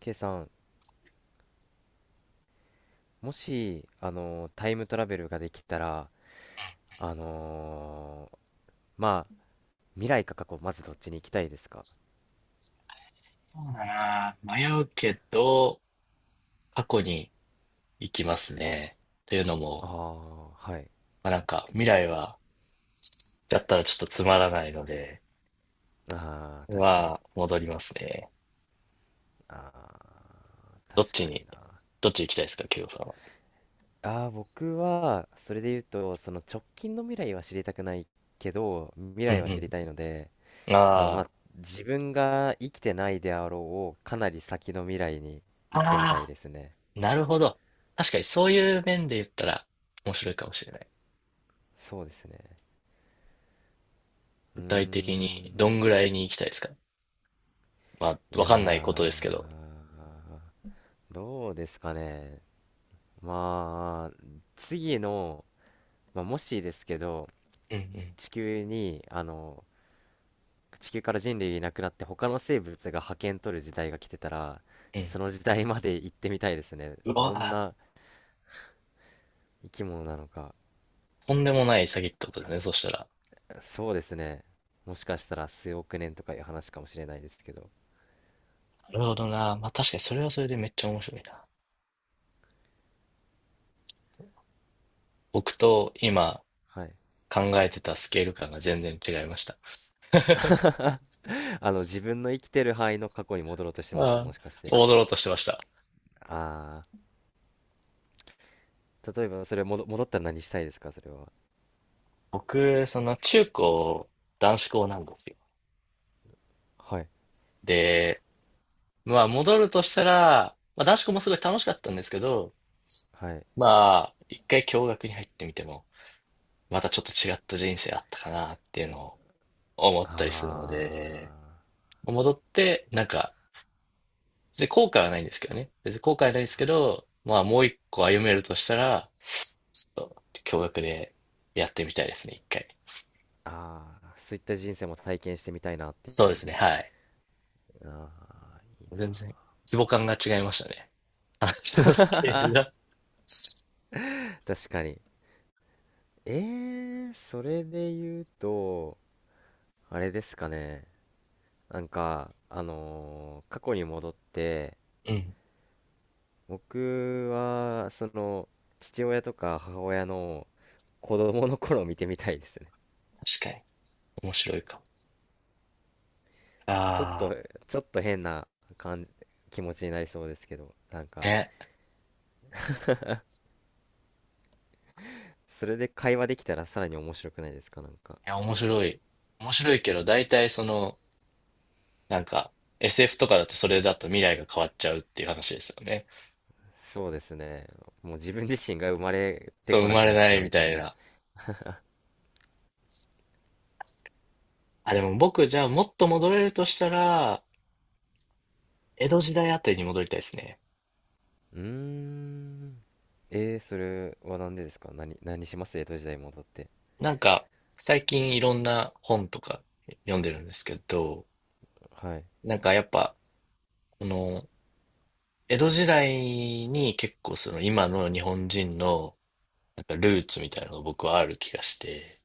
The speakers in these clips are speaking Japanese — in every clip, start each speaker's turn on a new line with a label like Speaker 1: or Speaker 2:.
Speaker 1: K さん、もし、タイムトラベルができたら、あのーまあ、未来か過去、まずどっちに行きたいですか？
Speaker 2: そうだな。迷うけど、過去に行きますね。というの
Speaker 1: あ
Speaker 2: も、
Speaker 1: あー、はい。
Speaker 2: まあ、なんか未来は、だったらちょっとつまらないので、
Speaker 1: ああ、確かに。
Speaker 2: は、戻りますね。
Speaker 1: ああ、
Speaker 2: どっ
Speaker 1: 確
Speaker 2: ち
Speaker 1: かに
Speaker 2: に、
Speaker 1: な。
Speaker 2: どっち行きたいですか、ケイゴさんは。
Speaker 1: ああ、僕は、それで言うと、その直近の未来は知りたくないけど、未
Speaker 2: う
Speaker 1: 来は知
Speaker 2: ん
Speaker 1: りたいので、
Speaker 2: うん。
Speaker 1: ま
Speaker 2: あ
Speaker 1: あ、自分が生きてないであろう、かなり先の未来に
Speaker 2: あ、
Speaker 1: 行ってみたい
Speaker 2: あ
Speaker 1: ですね。
Speaker 2: あ、なるほど。確かにそういう面で言ったら面白いかもしれない。
Speaker 1: そうですね。う
Speaker 2: 具
Speaker 1: ー
Speaker 2: 体的にどん
Speaker 1: ん。
Speaker 2: ぐらいに行きたいですか。まあ、
Speaker 1: い
Speaker 2: わ
Speaker 1: や
Speaker 2: かんないことで
Speaker 1: ー、
Speaker 2: すけど。
Speaker 1: どうですかね。まあ、次の、まあ、もしですけど、
Speaker 2: うんうん
Speaker 1: 地球に、地球から人類いなくなって他の生物が覇権取る時代が来てたら、その時代まで行ってみたいですね。
Speaker 2: うん。うわ
Speaker 1: どん
Speaker 2: あ、
Speaker 1: な生き物なのか。
Speaker 2: とんでもない詐欺ってことですね、そしたら。
Speaker 1: そうですね。もしかしたら数億年とかいう話かもしれないですけど。
Speaker 2: なるほどな。まあ確かにそれはそれでめっちゃ面白いな。僕と今
Speaker 1: はい。
Speaker 2: 考えてたスケール感が全然違いました。
Speaker 1: 自分の生きてる範囲の過去に戻ろうとしてました。
Speaker 2: あ
Speaker 1: もしかし
Speaker 2: あ、
Speaker 1: て。
Speaker 2: 踊ろうとしてました。
Speaker 1: ああ、例えばそれ戻ったら何したいですか、それは？
Speaker 2: 僕、その中高、男子校なんですよ。
Speaker 1: はい。
Speaker 2: で、まあ戻るとしたら、まあ男子校もすごい楽しかったんですけど、
Speaker 1: はい。
Speaker 2: まあ一回共学に入ってみても、またちょっと違った人生あったかなっていうのを思っ
Speaker 1: あ
Speaker 2: たりするので、戻って、で、後悔はないんですけどね。別に後悔はないですけど、まあもう一個歩めるとしたら、ちょっと教育でやってみたいですね、一回。
Speaker 1: ーあー、そういった人生も体験してみたいなって
Speaker 2: そう
Speaker 1: い
Speaker 2: で
Speaker 1: う。
Speaker 2: すね、はい。
Speaker 1: ああ、いいな。
Speaker 2: 全然、規模感が違いましたね。話のスケールが。
Speaker 1: 確かに。えそれで言うと、あれですかね。なんか、過去に戻って、
Speaker 2: うん、
Speaker 1: 僕は、父親とか母親の子供の頃を見てみたいですね。
Speaker 2: 確かに。面白いかも。
Speaker 1: ちょっ
Speaker 2: あ
Speaker 1: と、ちょっと変な感じ、気持ちになりそうですけど、なん
Speaker 2: あ、
Speaker 1: か、
Speaker 2: ね。
Speaker 1: それで会話できたらさらに面白くないですか、なんか？
Speaker 2: いや、面白い。面白いけど、大体その、なんか、SF とかだとそれだと未来が変わっちゃうっていう話ですよね。
Speaker 1: そうですね。もう自分自身が生まれて
Speaker 2: そう、生
Speaker 1: こな
Speaker 2: ま
Speaker 1: く
Speaker 2: れ
Speaker 1: なっ
Speaker 2: な
Speaker 1: ちゃ
Speaker 2: い
Speaker 1: う
Speaker 2: み
Speaker 1: みた
Speaker 2: た
Speaker 1: い
Speaker 2: い
Speaker 1: な。
Speaker 2: な。あ、でも僕、じゃあもっと戻れるとしたら、江戸時代あたりに戻りたいですね。
Speaker 1: うーん。それはなんでですか？何します江戸時代に戻って？
Speaker 2: なんか、最近いろんな本とか読んでるんですけど、
Speaker 1: はい。
Speaker 2: なんかやっぱ、この、江戸時代に結構その今の日本人のなんかルーツみたいなのが僕はある気がして、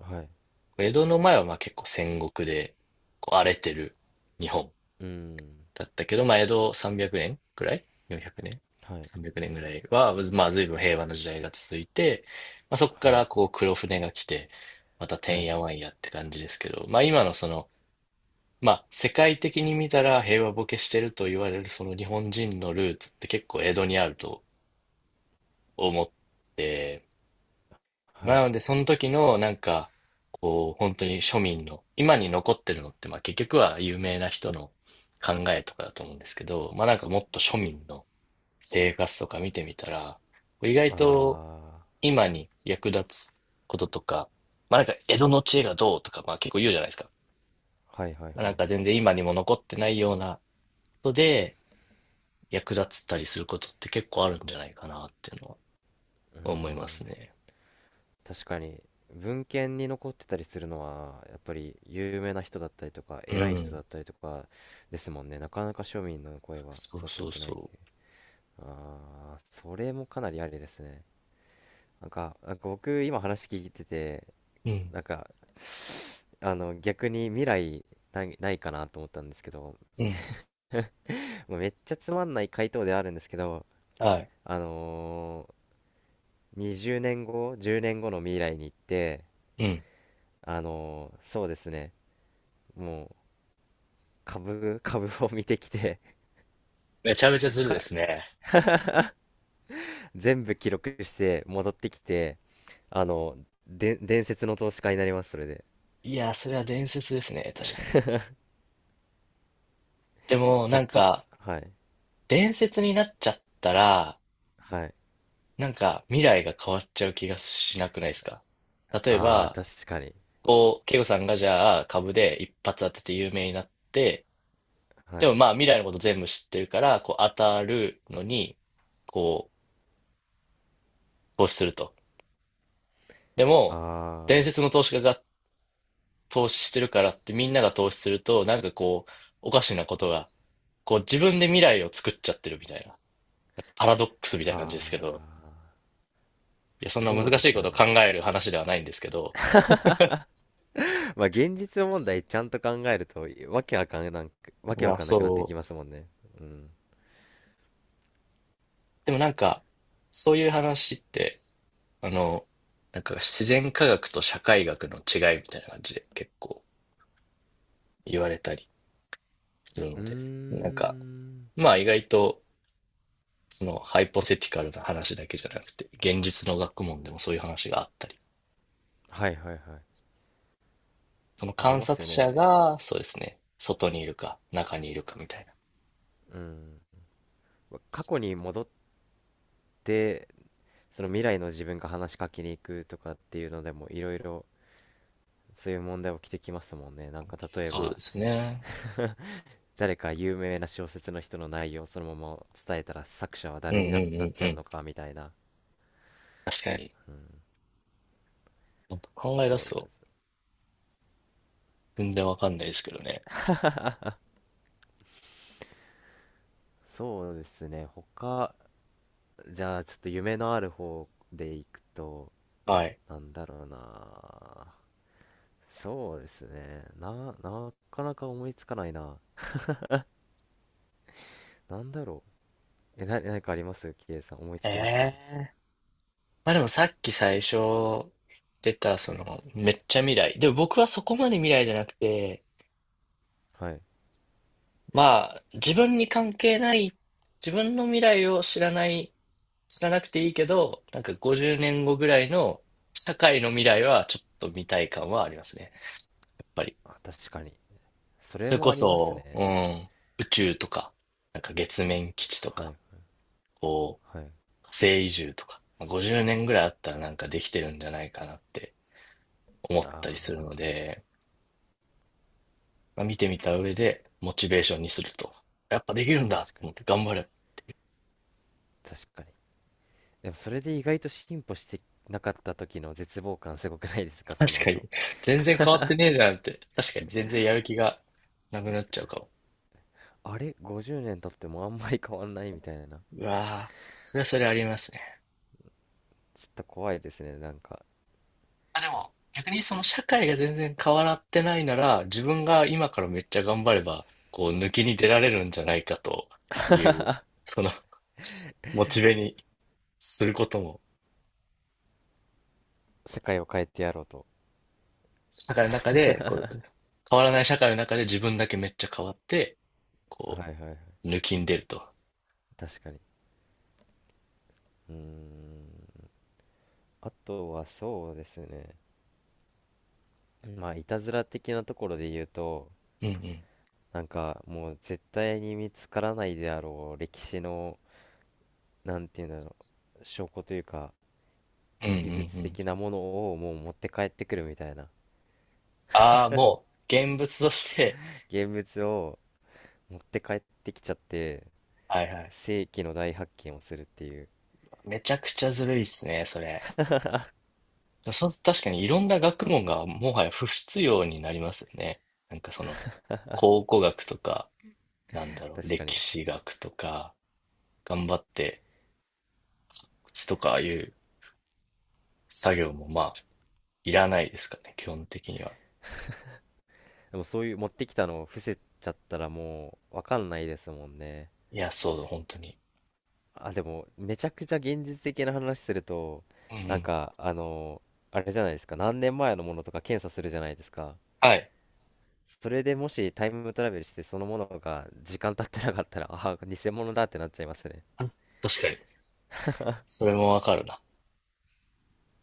Speaker 1: はい。
Speaker 2: 江戸の前はまあ結構戦国でこう荒れてる日本
Speaker 1: うーん。
Speaker 2: だったけど、まあ、江戸300年くねんくらい ?400 年
Speaker 1: はい。
Speaker 2: ?300 年ぐらいは、まあ、随分平和な時代が続いて、まあ、そこか
Speaker 1: はい。
Speaker 2: らこう黒船が来て、またて
Speaker 1: は
Speaker 2: ん
Speaker 1: い。
Speaker 2: やわんやって感じですけど、まあ、今のその、まあ、世界的に見たら平和ボケしてると言われるその日本人のルーツって結構江戸にあると思って、まあ
Speaker 1: は
Speaker 2: な
Speaker 1: い。
Speaker 2: ので、その時のなんか、こう、本当に庶民の、今に残ってるのって、まあ結局は有名な人の考えとかだと思うんですけど、まあなんかもっと庶民の、生活とか見てみたら、意外と
Speaker 1: あ
Speaker 2: 今に役立つこととか、まあなんか江戸の知恵がどうとか、まあ結構言うじゃないですか。
Speaker 1: ー。はいはい
Speaker 2: まあな
Speaker 1: は
Speaker 2: ん
Speaker 1: い。
Speaker 2: か全然今にも残ってないようなことで役立つたりすることって結構あるんじゃないかなっていうのは
Speaker 1: うー
Speaker 2: 思います
Speaker 1: ん。
Speaker 2: ね。
Speaker 1: 確かに、文献に残ってたりするのは、やっぱり有名な人だったりとか、
Speaker 2: う
Speaker 1: 偉い人
Speaker 2: ん。
Speaker 1: だったりとかですもんね。なかなか庶民の声は
Speaker 2: そう
Speaker 1: 残っ
Speaker 2: そう
Speaker 1: てないって。
Speaker 2: そ
Speaker 1: あー、それもかなりありですね。なんか僕今話聞いてて、
Speaker 2: う。うん。
Speaker 1: なんか、逆に未来ないないかなと思ったんですけど、
Speaker 2: うん。
Speaker 1: もうめっちゃつまんない回答ではあるんですけど、
Speaker 2: はい。
Speaker 1: あの20年後、10年後の未来に行って、
Speaker 2: うん。
Speaker 1: そうですね、もう株を見てきて、
Speaker 2: めちゃめちゃずるで
Speaker 1: か、
Speaker 2: すね。
Speaker 1: 全部記録して戻ってきて、あの、で、伝説の投資家になります、それで。
Speaker 2: いや、それは伝説ですね。確かに。でもなん
Speaker 1: 100
Speaker 2: か
Speaker 1: 発、はい、
Speaker 2: 伝説になっちゃったら、
Speaker 1: はい。
Speaker 2: なんか未来が変わっちゃう気がしなくないですか。例え
Speaker 1: ああ、
Speaker 2: ば、
Speaker 1: 確かに。
Speaker 2: こう、ケイゴさんがじゃあ株で一発当てて有名になって、
Speaker 1: は
Speaker 2: で
Speaker 1: い。
Speaker 2: もまあ未来のこと全部知ってるから、こう当たるのに、こう、投資すると。で
Speaker 1: あ
Speaker 2: も、伝
Speaker 1: あ。
Speaker 2: 説の投資家が投資してるからってみんなが投資すると、なんかこう、おかしなことが、こう自分で未来を作っちゃってるみたいな、なんかパラドックスみたい
Speaker 1: あ
Speaker 2: な感じですけど、
Speaker 1: あ、
Speaker 2: いや、そんな
Speaker 1: そう
Speaker 2: 難
Speaker 1: で
Speaker 2: しい
Speaker 1: す
Speaker 2: こ
Speaker 1: よ
Speaker 2: とを考
Speaker 1: ね。
Speaker 2: える話ではないんですけど、
Speaker 1: まあ現実問題ちゃんと考えるとわけわ
Speaker 2: まあ
Speaker 1: かんなくなってき
Speaker 2: そう。
Speaker 1: ますもんね。うん。
Speaker 2: でもなんか、そういう話って、あの、なんか自然科学と社会学の違いみたいな感じで結構言われたりする
Speaker 1: う
Speaker 2: の
Speaker 1: ー
Speaker 2: で、なんか、
Speaker 1: ん。
Speaker 2: まあ意外と、そのハイポセティカルな話だけじゃなくて、現実の学問でもそういう話があったり、
Speaker 1: はいはいはい。
Speaker 2: その
Speaker 1: あり
Speaker 2: 観
Speaker 1: ます
Speaker 2: 察
Speaker 1: よ
Speaker 2: 者
Speaker 1: ね。
Speaker 2: が、そうですね、外にいるか、中にいるかみたいな。
Speaker 1: うん。過去に戻って、その未来の自分が話しかけに行くとかっていうのでもいろいろそういう問題起きてきますもんね。なんか例え
Speaker 2: そうで
Speaker 1: ば、
Speaker 2: すね。
Speaker 1: 誰か有名な小説の人の内容をそのまま伝えたら作者は
Speaker 2: うん
Speaker 1: 誰
Speaker 2: う
Speaker 1: に
Speaker 2: んう
Speaker 1: なっ
Speaker 2: ん
Speaker 1: ち
Speaker 2: う
Speaker 1: ゃう
Speaker 2: ん。
Speaker 1: のかみたいな。
Speaker 2: 確かに。
Speaker 1: うん。
Speaker 2: 考え
Speaker 1: そ
Speaker 2: 出す
Speaker 1: う
Speaker 2: と、全然わかんないですけどね。
Speaker 1: そうですね。じゃあちょっと夢のある方でいくと、
Speaker 2: はい。
Speaker 1: なんだろうな。そうですね。なかなか思いつかないな。なんだろう。何かありますキイさん、思いつきました？
Speaker 2: ええまあでもさっき最初出た、その、めっちゃ未来。でも僕はそこまで未来じゃなくて、
Speaker 1: はい。
Speaker 2: まあ自分に関係ない、自分の未来を知らない、知らなくていいけど、なんか50年後ぐらいの社会の未来はちょっと見たい感はありますね。やっぱり。
Speaker 1: あ、確かに。それ
Speaker 2: それこ
Speaker 1: もあります
Speaker 2: そ、
Speaker 1: ね。
Speaker 2: うん、宇宙とか、なんか月面基地と
Speaker 1: は
Speaker 2: か、
Speaker 1: い、
Speaker 2: こ
Speaker 1: はい。
Speaker 2: う、火星移住とか、まあ50年ぐらいあったらなんかできてるんじゃないかなって思っ
Speaker 1: あ
Speaker 2: たりする
Speaker 1: あ、
Speaker 2: ので、まあ見てみた上
Speaker 1: たし、
Speaker 2: で、モチベーションにすると。やっぱできるん
Speaker 1: 確
Speaker 2: だと
Speaker 1: か
Speaker 2: 思って
Speaker 1: に、
Speaker 2: 頑張れば。
Speaker 1: 確かに。でもそれで意外と進歩してなかった時の絶望感すごくないですか その
Speaker 2: 確かに、
Speaker 1: 後？
Speaker 2: 全然変わってねえじゃんって。確かに全然やる気がなくなっちゃうかも。
Speaker 1: あれ？ 50 年経ってもあんまり変わんないみたいな。
Speaker 2: うわぁ、それはそれありますね。
Speaker 1: ちょっと怖いですね。なんか、
Speaker 2: あ、でも、逆にその社会が全然変わらってないなら、自分が今からめっちゃ頑張れば、こう、抜きに出られるんじゃないかという、そのモチベにすることも、
Speaker 1: 社会を変えてやろうと。
Speaker 2: 社会の中で、こう、変わらない社会の中で自分だけめっちゃ変わって、
Speaker 1: は
Speaker 2: こ
Speaker 1: いはいはい。
Speaker 2: う、抜きんでると。
Speaker 1: 確かに。うーん。あとはそうですね。まあ、いたずら的なところで言うと、
Speaker 2: うんうん。
Speaker 1: なんかもう絶対に見つからないであろう歴史の、なんていうんだろう、証拠というか、
Speaker 2: うんう
Speaker 1: 遺
Speaker 2: ん
Speaker 1: 物
Speaker 2: うん。
Speaker 1: 的なものをもう持って帰ってくるみたいな。
Speaker 2: ああ、もう、現物として。
Speaker 1: 現物を持って帰ってきちゃって、
Speaker 2: はいはい。
Speaker 1: 世紀の大発見をするっていう。
Speaker 2: めちゃくちゃずるいっすね、それ。そう、確かにいろんな学問がもはや不必要になりますよね。なんかその、考古学とか、なんだろう、
Speaker 1: 確か
Speaker 2: 歴
Speaker 1: に。
Speaker 2: 史学とか、頑張って靴とかいう作業もまあ、いらないですかね、基本的には。
Speaker 1: でもそういう持ってきたのを伏せちゃったらもうわかんないですもんね。
Speaker 2: いや、そうだ、本当に。
Speaker 1: あ、でもめちゃくちゃ現実的な話すると、
Speaker 2: うんう
Speaker 1: なん
Speaker 2: ん。
Speaker 1: か、あれじゃないですか、何年前のものとか検査するじゃないですか。
Speaker 2: はい。
Speaker 1: それでもしタイムトラベルしてそのものが時間経ってなかったら、ああ、偽物だってなっちゃいますね。
Speaker 2: あ、確かに。それもわかるな。